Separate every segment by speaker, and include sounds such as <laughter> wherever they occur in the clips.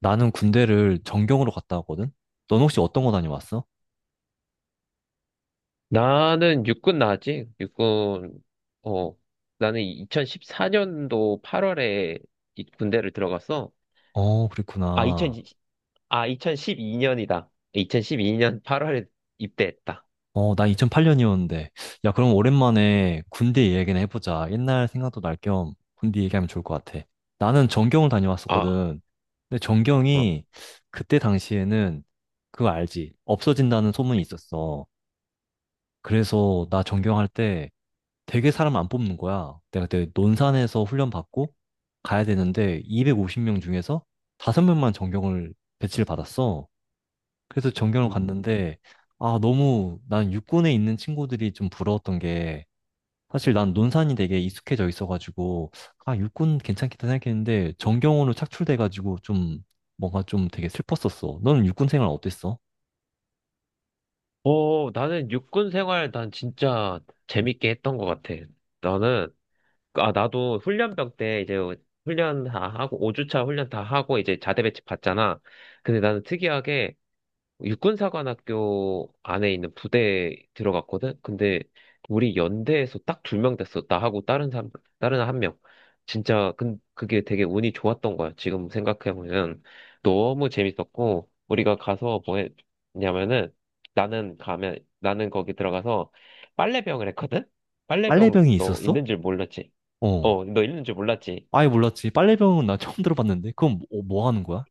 Speaker 1: 나는 군대를 전경으로 갔다 왔거든? 넌 혹시 어떤 거 다녀왔어?
Speaker 2: 나는 육군 나왔지? 육군, 어, 나는 2014년도 8월에 군대를 들어갔어.
Speaker 1: 어,
Speaker 2: 아, 2 0
Speaker 1: 그랬구나.
Speaker 2: 0 아, 2012년이다. 2012년 8월에 입대했다.
Speaker 1: 어, 나 2008년이었는데. 야, 그럼 오랜만에 군대 얘기나 해보자. 옛날 생각도 날 겸 군대 얘기하면 좋을 것 같아. 나는 전경을
Speaker 2: 아,
Speaker 1: 다녀왔었거든. 근데
Speaker 2: 어.
Speaker 1: 전경이 그때 당시에는 그거 알지? 없어진다는 소문이 있었어. 그래서 나 전경할 때 되게 사람 안 뽑는 거야. 내가 그때 논산에서 훈련 받고 가야 되는데 250명 중에서 5명만 전경을 배치를 받았어. 그래서 전경을 갔는데 아, 너무 난 육군에 있는 친구들이 좀 부러웠던 게 사실 난 논산이 되게 익숙해져 있어가지고 아, 육군 괜찮겠다 생각했는데 전경으로 착출돼가지고 좀 뭔가 좀 되게 슬펐었어. 너는 육군 생활 어땠어?
Speaker 2: 어, 나는 육군 생활 난 진짜 재밌게 했던 것 같아. 나는, 나도 훈련병 때 이제 훈련 다 하고, 5주차 훈련 다 하고 이제 자대 배치 받잖아. 근데 나는 특이하게 육군사관학교 안에 있는 부대에 들어갔거든? 근데 우리 연대에서 딱 두 명 됐어. 나하고 다른 사람, 다른 한 명. 진짜, 그게 되게 운이 좋았던 거야. 지금 생각해보면. 너무 재밌었고, 우리가 가서 뭐 했냐면은, 나는 거기 들어가서 빨래병을 했거든? 빨래병
Speaker 1: 빨래병이
Speaker 2: 너
Speaker 1: 있었어?
Speaker 2: 있는 줄 몰랐지?
Speaker 1: 어.
Speaker 2: 어, 너 있는 줄 몰랐지?
Speaker 1: 아예 몰랐지. 빨래병은 나 <laughs> 처음 들어봤는데 그건 뭐, 어, 뭐 하는 거야?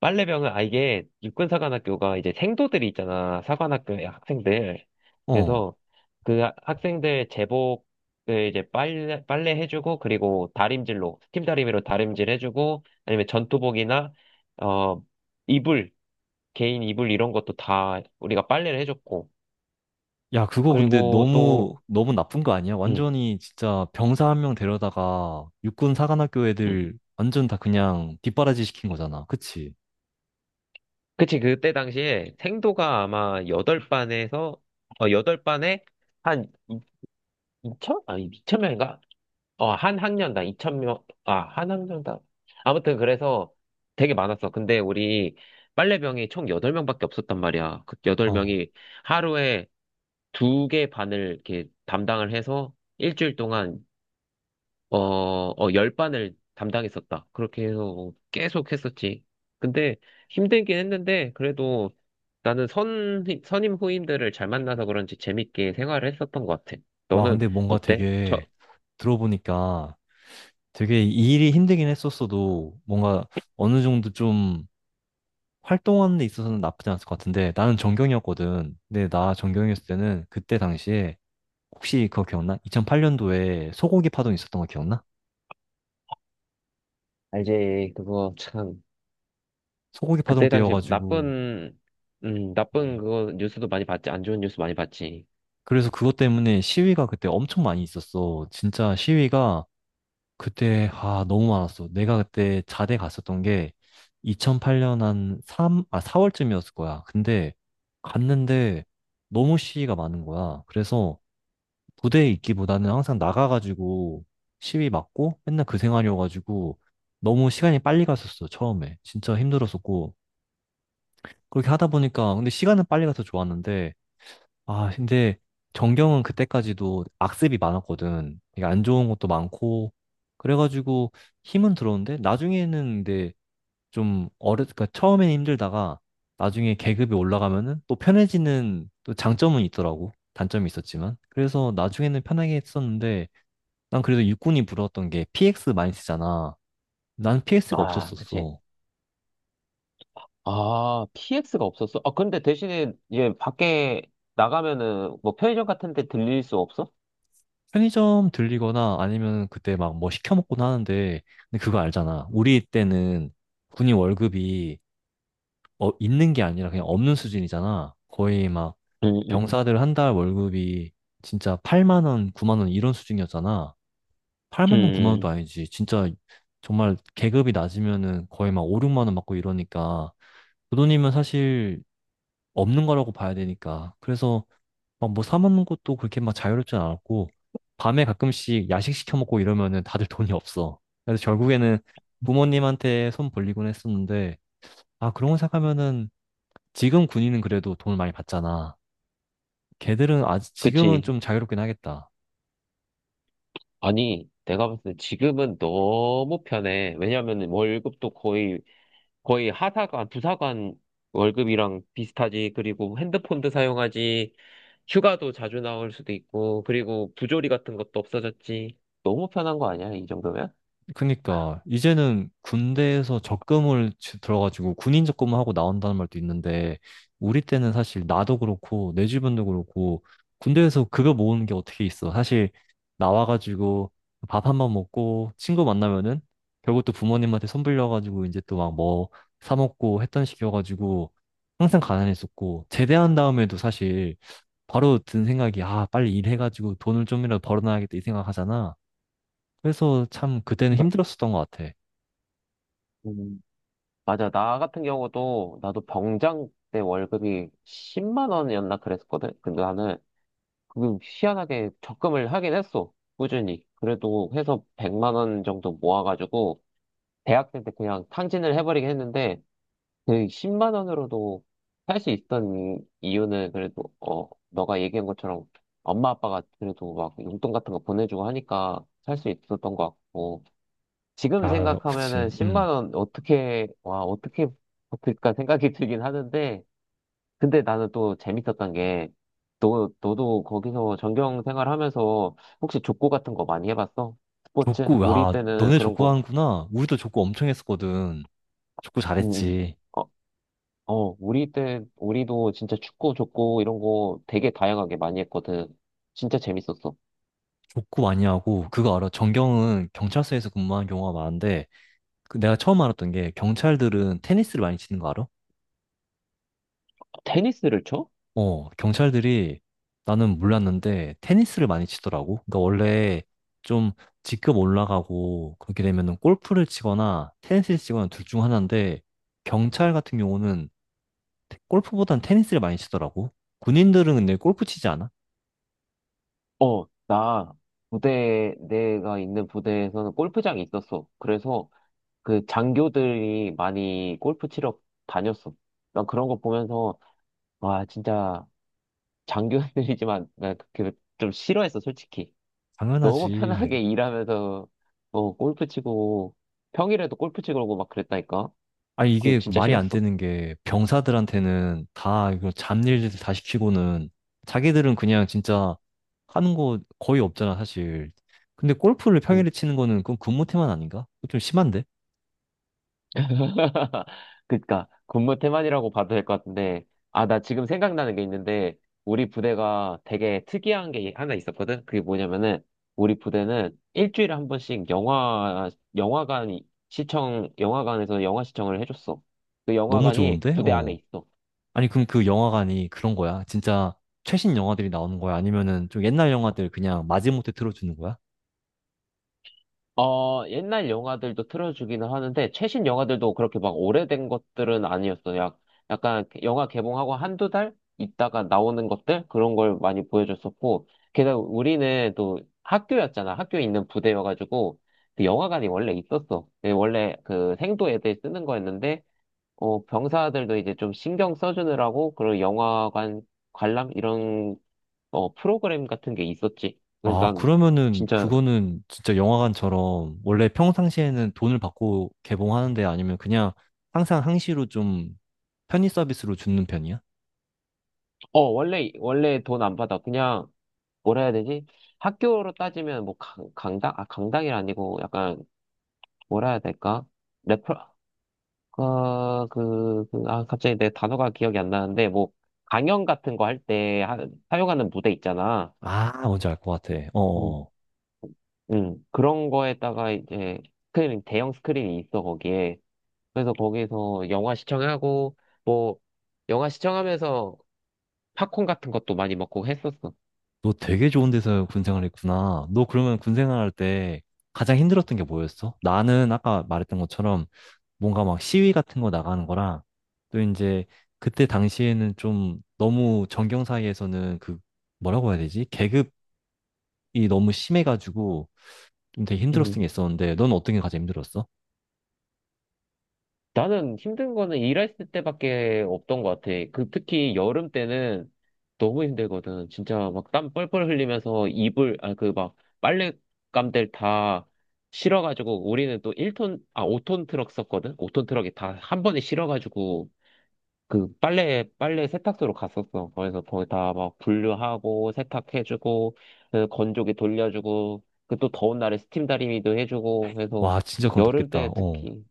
Speaker 2: 이게 육군사관학교가 이제 생도들이 있잖아. 사관학교의 학생들.
Speaker 1: 어.
Speaker 2: 그래서 그 학생들 제복을 이제 빨래 해주고, 그리고 다림질로, 스팀 다리미로 다림질 해주고, 아니면 전투복이나, 어, 이불, 개인 이불 이런 것도 다 우리가 빨래를 해줬고,
Speaker 1: 야, 그거 근데
Speaker 2: 그리고
Speaker 1: 너무,
Speaker 2: 또,
Speaker 1: 너무 나쁜 거 아니야?
Speaker 2: 응,
Speaker 1: 완전히 진짜 병사 한 명 데려다가 육군 사관학교
Speaker 2: 응.
Speaker 1: 애들 완전 다 그냥 뒷바라지 시킨 거잖아. 그치?
Speaker 2: 그치, 그때 당시에 생도가 아마 여덟 반에 한 2천? 아니, 2,000명인가? 한 학년당 2,000명, 아, 한 학년당. 아무튼 그래서 되게 많았어. 근데 우리 빨래병이 총 8명밖에 없었단 말이야. 그
Speaker 1: 어.
Speaker 2: 8명이 하루에 두 개 반을 이렇게 담당을 해서 일주일 동안, 10반을 담당했었다. 그렇게 해서 계속 했었지. 근데 힘들긴 했는데, 그래도 나는 선임 후임들을 잘 만나서 그런지 재밌게 생활을 했었던 것 같아.
Speaker 1: 와,
Speaker 2: 너는
Speaker 1: 근데 뭔가
Speaker 2: 어때?
Speaker 1: 되게 들어보니까 되게 이 일이 힘들긴 했었어도 뭔가 어느 정도 좀 활동하는 데 있어서는 나쁘지 않았을 것 같은데 나는 전경이었거든. 근데 나 전경이었을 때는 그때 당시에 혹시 그거 기억나? 2008년도에 소고기 파동 있었던 거 기억나?
Speaker 2: 알지. 그거 참.
Speaker 1: 소고기 파동
Speaker 2: 그때 당시
Speaker 1: 때여가지고
Speaker 2: 나쁜 그거 뉴스도 많이 봤지. 안 좋은 뉴스 많이 봤지.
Speaker 1: 그래서 그것 때문에 시위가 그때 엄청 많이 있었어. 진짜 시위가 그때, 아, 너무 많았어. 내가 그때 자대 갔었던 게 2008년 한 3, 아, 4월쯤이었을 거야. 근데 갔는데 너무 시위가 많은 거야. 그래서 부대에 있기보다는 항상 나가가지고 시위 맞고 맨날 그 생활이어가지고 너무 시간이 빨리 갔었어, 처음에. 진짜 힘들었었고. 그렇게 하다 보니까, 근데 시간은 빨리 가서 좋았는데, 아, 근데 전경은 그때까지도 악습이 많았거든. 되게 안 좋은 것도 많고. 그래가지고 힘은 들었는데 나중에는 근데 그러니까 처음엔 힘들다가 나중에 계급이 올라가면은 또 편해지는 또 장점은 있더라고. 단점이 있었지만. 그래서 나중에는 편하게 했었는데 난 그래도 육군이 부러웠던 게 PX 많이 쓰잖아. 난 PX가
Speaker 2: 아, 그치.
Speaker 1: 없었었어.
Speaker 2: 아, PX가 없었어? 아, 근데 대신에 이제 밖에 나가면은 뭐 편의점 같은 데 들릴 수 없어?
Speaker 1: 편의점 들리거나 아니면 그때 막 뭐 시켜 먹곤 하는데 근데 그거 알잖아. 우리 때는 군인 월급이 어, 있는 게 아니라 그냥 없는 수준이잖아. 거의 막
Speaker 2: 음, 음,
Speaker 1: 병사들 한 달 월급이 진짜 8만 원, 9만 원 이런 수준이었잖아. 8만 원, 9만 원도
Speaker 2: 음,
Speaker 1: 아니지. 진짜 정말 계급이 낮으면은 거의 막 5, 6만 원 받고 이러니까 그 돈이면 사실 없는 거라고 봐야 되니까. 그래서 막 뭐 사 먹는 것도 그렇게 막 자유롭진 않았고 밤에 가끔씩 야식 시켜 먹고 이러면은 다들 <laughs> 돈이 없어. 그래서 결국에는 부모님한테 손 벌리곤 했었는데 아 그런 거 생각하면은 지금 군인은 그래도 돈을 많이 받잖아. 걔들은 아직 지금은
Speaker 2: 그치.
Speaker 1: 좀 자유롭긴 하겠다.
Speaker 2: 아니, 내가 봤을 때 지금은 너무 편해. 왜냐면 월급도 거의 하사관, 부사관 월급이랑 비슷하지. 그리고 핸드폰도 사용하지. 휴가도 자주 나올 수도 있고. 그리고 부조리 같은 것도 없어졌지. 너무 편한 거 아니야, 이 정도면?
Speaker 1: 그니까 이제는 군대에서 들어가지고 군인 적금을 하고 나온다는 말도 있는데 우리 때는 사실 나도 그렇고 내 주변도 그렇고 군대에서 급여 모으는 게 어떻게 있어. 사실 나와가지고 밥 한 번 먹고 친구 만나면은 결국 또 부모님한테 손 빌려가지고 이제 또 막 뭐 사 먹고 했던 식이어가지고 항상 가난했었고 제대한 다음에도 사실 바로 든 생각이 아 빨리 일해가지고 돈을 좀이라도 벌어놔야겠다 이 생각하잖아. 그래서 참 그때는
Speaker 2: 마-
Speaker 1: 힘들었었던 것 같아.
Speaker 2: 음, 맞아. 나 같은 경우도 나도 병장 때 월급이 10만 원이었나 그랬었거든. 근데 나는 그 희한하게 적금을 하긴 했어. 꾸준히. 그래도 해서 100만 원 정도 모아가지고 대학생 때 그냥 탕진을 해버리긴 했는데 그 10만 원으로도 살 수 있던 이유는 그래도 너가 얘기한 것처럼 엄마 아빠가 그래도 막 용돈 같은 거 보내주고 하니까 살 수 있었던 것 같고 지금
Speaker 1: 아,
Speaker 2: 생각하면은
Speaker 1: 그치.
Speaker 2: 10만
Speaker 1: 음.
Speaker 2: 원 어떻게 버틸까 생각이 <laughs> 들긴 하는데 근데 나는 또 재밌었던 게 너도 거기서 전경 생활하면서 혹시 족구 같은 거 많이 해봤어? 스포츠?
Speaker 1: 족구,
Speaker 2: 우리
Speaker 1: 와,
Speaker 2: 때는
Speaker 1: 너네
Speaker 2: 그런
Speaker 1: 족구
Speaker 2: 거
Speaker 1: 하는구나. 우리도 족구 엄청 했었거든. 족구
Speaker 2: 음, 음.
Speaker 1: 잘했지.
Speaker 2: 우리도 진짜 축구, 족구 이런 거 되게 다양하게 많이 했거든. 진짜 재밌었어.
Speaker 1: 족구 많이 하고, 그거 알아? 전경은 경찰서에서 근무하는 경우가 많은데, 그 내가 처음 알았던 게, 경찰들은 테니스를 많이 치는 거 알아?
Speaker 2: 테니스를 쳐?
Speaker 1: 어, 경찰들이, 나는 몰랐는데, 테니스를 많이 치더라고. 그러니까 원래 좀 직급 올라가고, 그렇게 되면은 골프를 치거나, 테니스를 치거나 둘 중 하나인데, 경찰 같은 경우는 골프보단 테니스를 많이 치더라고. 군인들은 근데 골프 치지 않아?
Speaker 2: 어, 나 내가 있는 부대에서는 골프장이 있었어. 그래서 그 장교들이 많이 골프 치러 다녔어. 난 그런 거 보면서, 와, 진짜 장교들이지만, <laughs> 좀 싫어했어, 솔직히. 너무
Speaker 1: 당연하지.
Speaker 2: 편하게 일하면서, 골프 치고, 평일에도 골프 치고 그러고 막 그랬다니까?
Speaker 1: 아니,
Speaker 2: 그거
Speaker 1: 이게 그
Speaker 2: 진짜
Speaker 1: 말이 안
Speaker 2: 싫었어.
Speaker 1: 되는 게 병사들한테는 다 이거 잡일들 다 시키고는 자기들은 그냥 진짜 하는 거 거의 없잖아, 사실. 근데 골프를 평일에 치는 거는 그건 근무 태만 아닌가? 그거 좀 심한데?
Speaker 2: <laughs> 그니까 군무 태만이라고 봐도 될 것 같은데. 아, 나 지금 생각나는 게 있는데 우리 부대가 되게 특이한 게 하나 있었거든. 그게 뭐냐면은 우리 부대는 일주일에 한 번씩 영화관 영화관에서 영화 시청을 해줬어. 그
Speaker 1: 너무
Speaker 2: 영화관이
Speaker 1: 좋은데?
Speaker 2: 부대 안에
Speaker 1: 어.
Speaker 2: 있어.
Speaker 1: 아니, 그럼 그 영화관이 그런 거야? 진짜 최신 영화들이 나오는 거야? 아니면은 좀 옛날 영화들 그냥 마지못해 틀어주는 거야?
Speaker 2: 옛날 영화들도 틀어주기는 하는데, 최신 영화들도 그렇게 막 오래된 것들은 아니었어요. 약간 영화 개봉하고 한두 달 있다가 나오는 것들? 그런 걸 많이 보여줬었고, 게다가 우리는 또 학교였잖아. 학교에 있는 부대여가지고, 그 영화관이 원래 있었어. 예, 원래 그 생도 애들 쓰는 거였는데, 병사들도 이제 좀 신경 써주느라고, 그런 영화관 관람? 이런, 프로그램 같은 게 있었지. 그래서
Speaker 1: 아, 그러면은
Speaker 2: 진짜
Speaker 1: 그거는 진짜 영화관처럼 원래 평상시에는 돈을 받고 개봉하는데 아니면 그냥 항상 항시로 좀 편의 서비스로 주는 편이야?
Speaker 2: 원래 돈 안 받아. 그냥, 뭐라 해야 되지? 학교로 따지면, 뭐, 강당? 아, 강당이 아니고, 약간, 뭐라 해야 될까? 레퍼, 어, 그, 그, 아, 갑자기 내 단어가 기억이 안 나는데, 뭐, 강연 같은 거 할 때, 사용하는 무대 있잖아.
Speaker 1: 아, 뭔지 알 것 같아.
Speaker 2: 음,
Speaker 1: 어어어.
Speaker 2: 그런 거에다가 이제, 스크린, 대형 스크린이 있어, 거기에. 그래서 거기서 영화 시청하고, 뭐, 영화 시청하면서 팝콘 같은 것도 많이 먹고 했었어.
Speaker 1: 너 되게 좋은 데서 군생활 했구나. 너 그러면 군생활 할 때 가장 힘들었던 게 뭐였어? 나는 아까 말했던 것처럼 뭔가 막 시위 같은 거 나가는 거랑 또 이제 그때 당시에는 좀 너무 정경 사이에서는 그 뭐라고 해야 되지? 계급이 너무 심해가지고 좀 되게 힘들었던 게 있었는데, 넌 어떤 게 가장 힘들었어?
Speaker 2: 나는 힘든 거는 일했을 때밖에 없던 것 같아. 그 특히 여름 때는 너무 힘들거든. 진짜 막 땀 뻘뻘 흘리면서 그 막 빨랫감들 다 실어가지고 우리는 또 5톤 트럭 썼거든? 5톤 트럭이 다 한 번에 실어가지고 그 빨래 세탁소로 갔었어. 그래서 거기 다 막 분류하고 세탁해주고 그 건조기 돌려주고 그 또 더운 날에 스팀 다리미도 해주고 해서
Speaker 1: 와, 진짜 그건
Speaker 2: 여름
Speaker 1: 덥겠다.
Speaker 2: 때
Speaker 1: 어.
Speaker 2: 특히.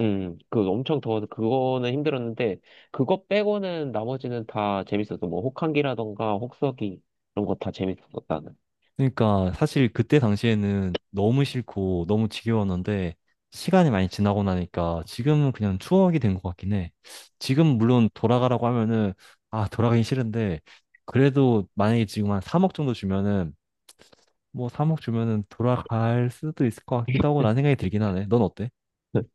Speaker 2: 그 엄청 더워서 그거는 힘들었는데, 그거 빼고는 나머지는 다 재밌었어. 뭐, 혹한기라던가, 혹서기, 이런 거 다 재밌었어, 나는.
Speaker 1: 그러니까 사실 그때 당시에는 너무 싫고 너무 지겨웠는데, 시간이 많이 지나고 나니까 지금은 그냥 추억이 된 것 같긴 해. 지금 물론 돌아가라고 하면은, 아, 돌아가긴 싫은데, 그래도 만약에 지금 한 3억 정도 주면은, 뭐 3억 주면은 돌아갈 수도 있을 것 같기도 하고 라는 생각이 들긴 하네. 넌 어때?
Speaker 2: <laughs>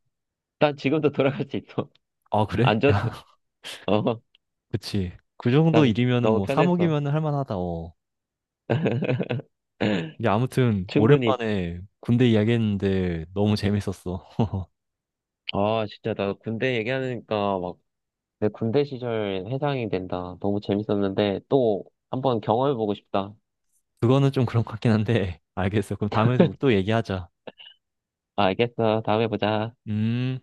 Speaker 2: 난 지금도 돌아갈 수 있어.
Speaker 1: 아,
Speaker 2: <laughs> 안
Speaker 1: 그래? <laughs>
Speaker 2: 줘도,
Speaker 1: 야,
Speaker 2: 어,
Speaker 1: 그치. 그 정도
Speaker 2: 난
Speaker 1: 일이면은
Speaker 2: 너무
Speaker 1: 뭐
Speaker 2: 편했어.
Speaker 1: 3억이면은 할 만하다. 어.
Speaker 2: <laughs>
Speaker 1: 이게 아무튼
Speaker 2: 충분히.
Speaker 1: 오랜만에 군대 이야기했는데 너무 재밌었어.
Speaker 2: 아, 진짜, 나 군대 얘기하니까 막, 내 군대 시절 회상이 된다. 너무 재밌었는데, 또, 한번 경험해보고 싶다.
Speaker 1: 그거는 좀 그런 것 같긴 한데 알겠어. 그럼 다음에 또 얘기하자.
Speaker 2: 알겠어. 다음에 보자.
Speaker 1: 음.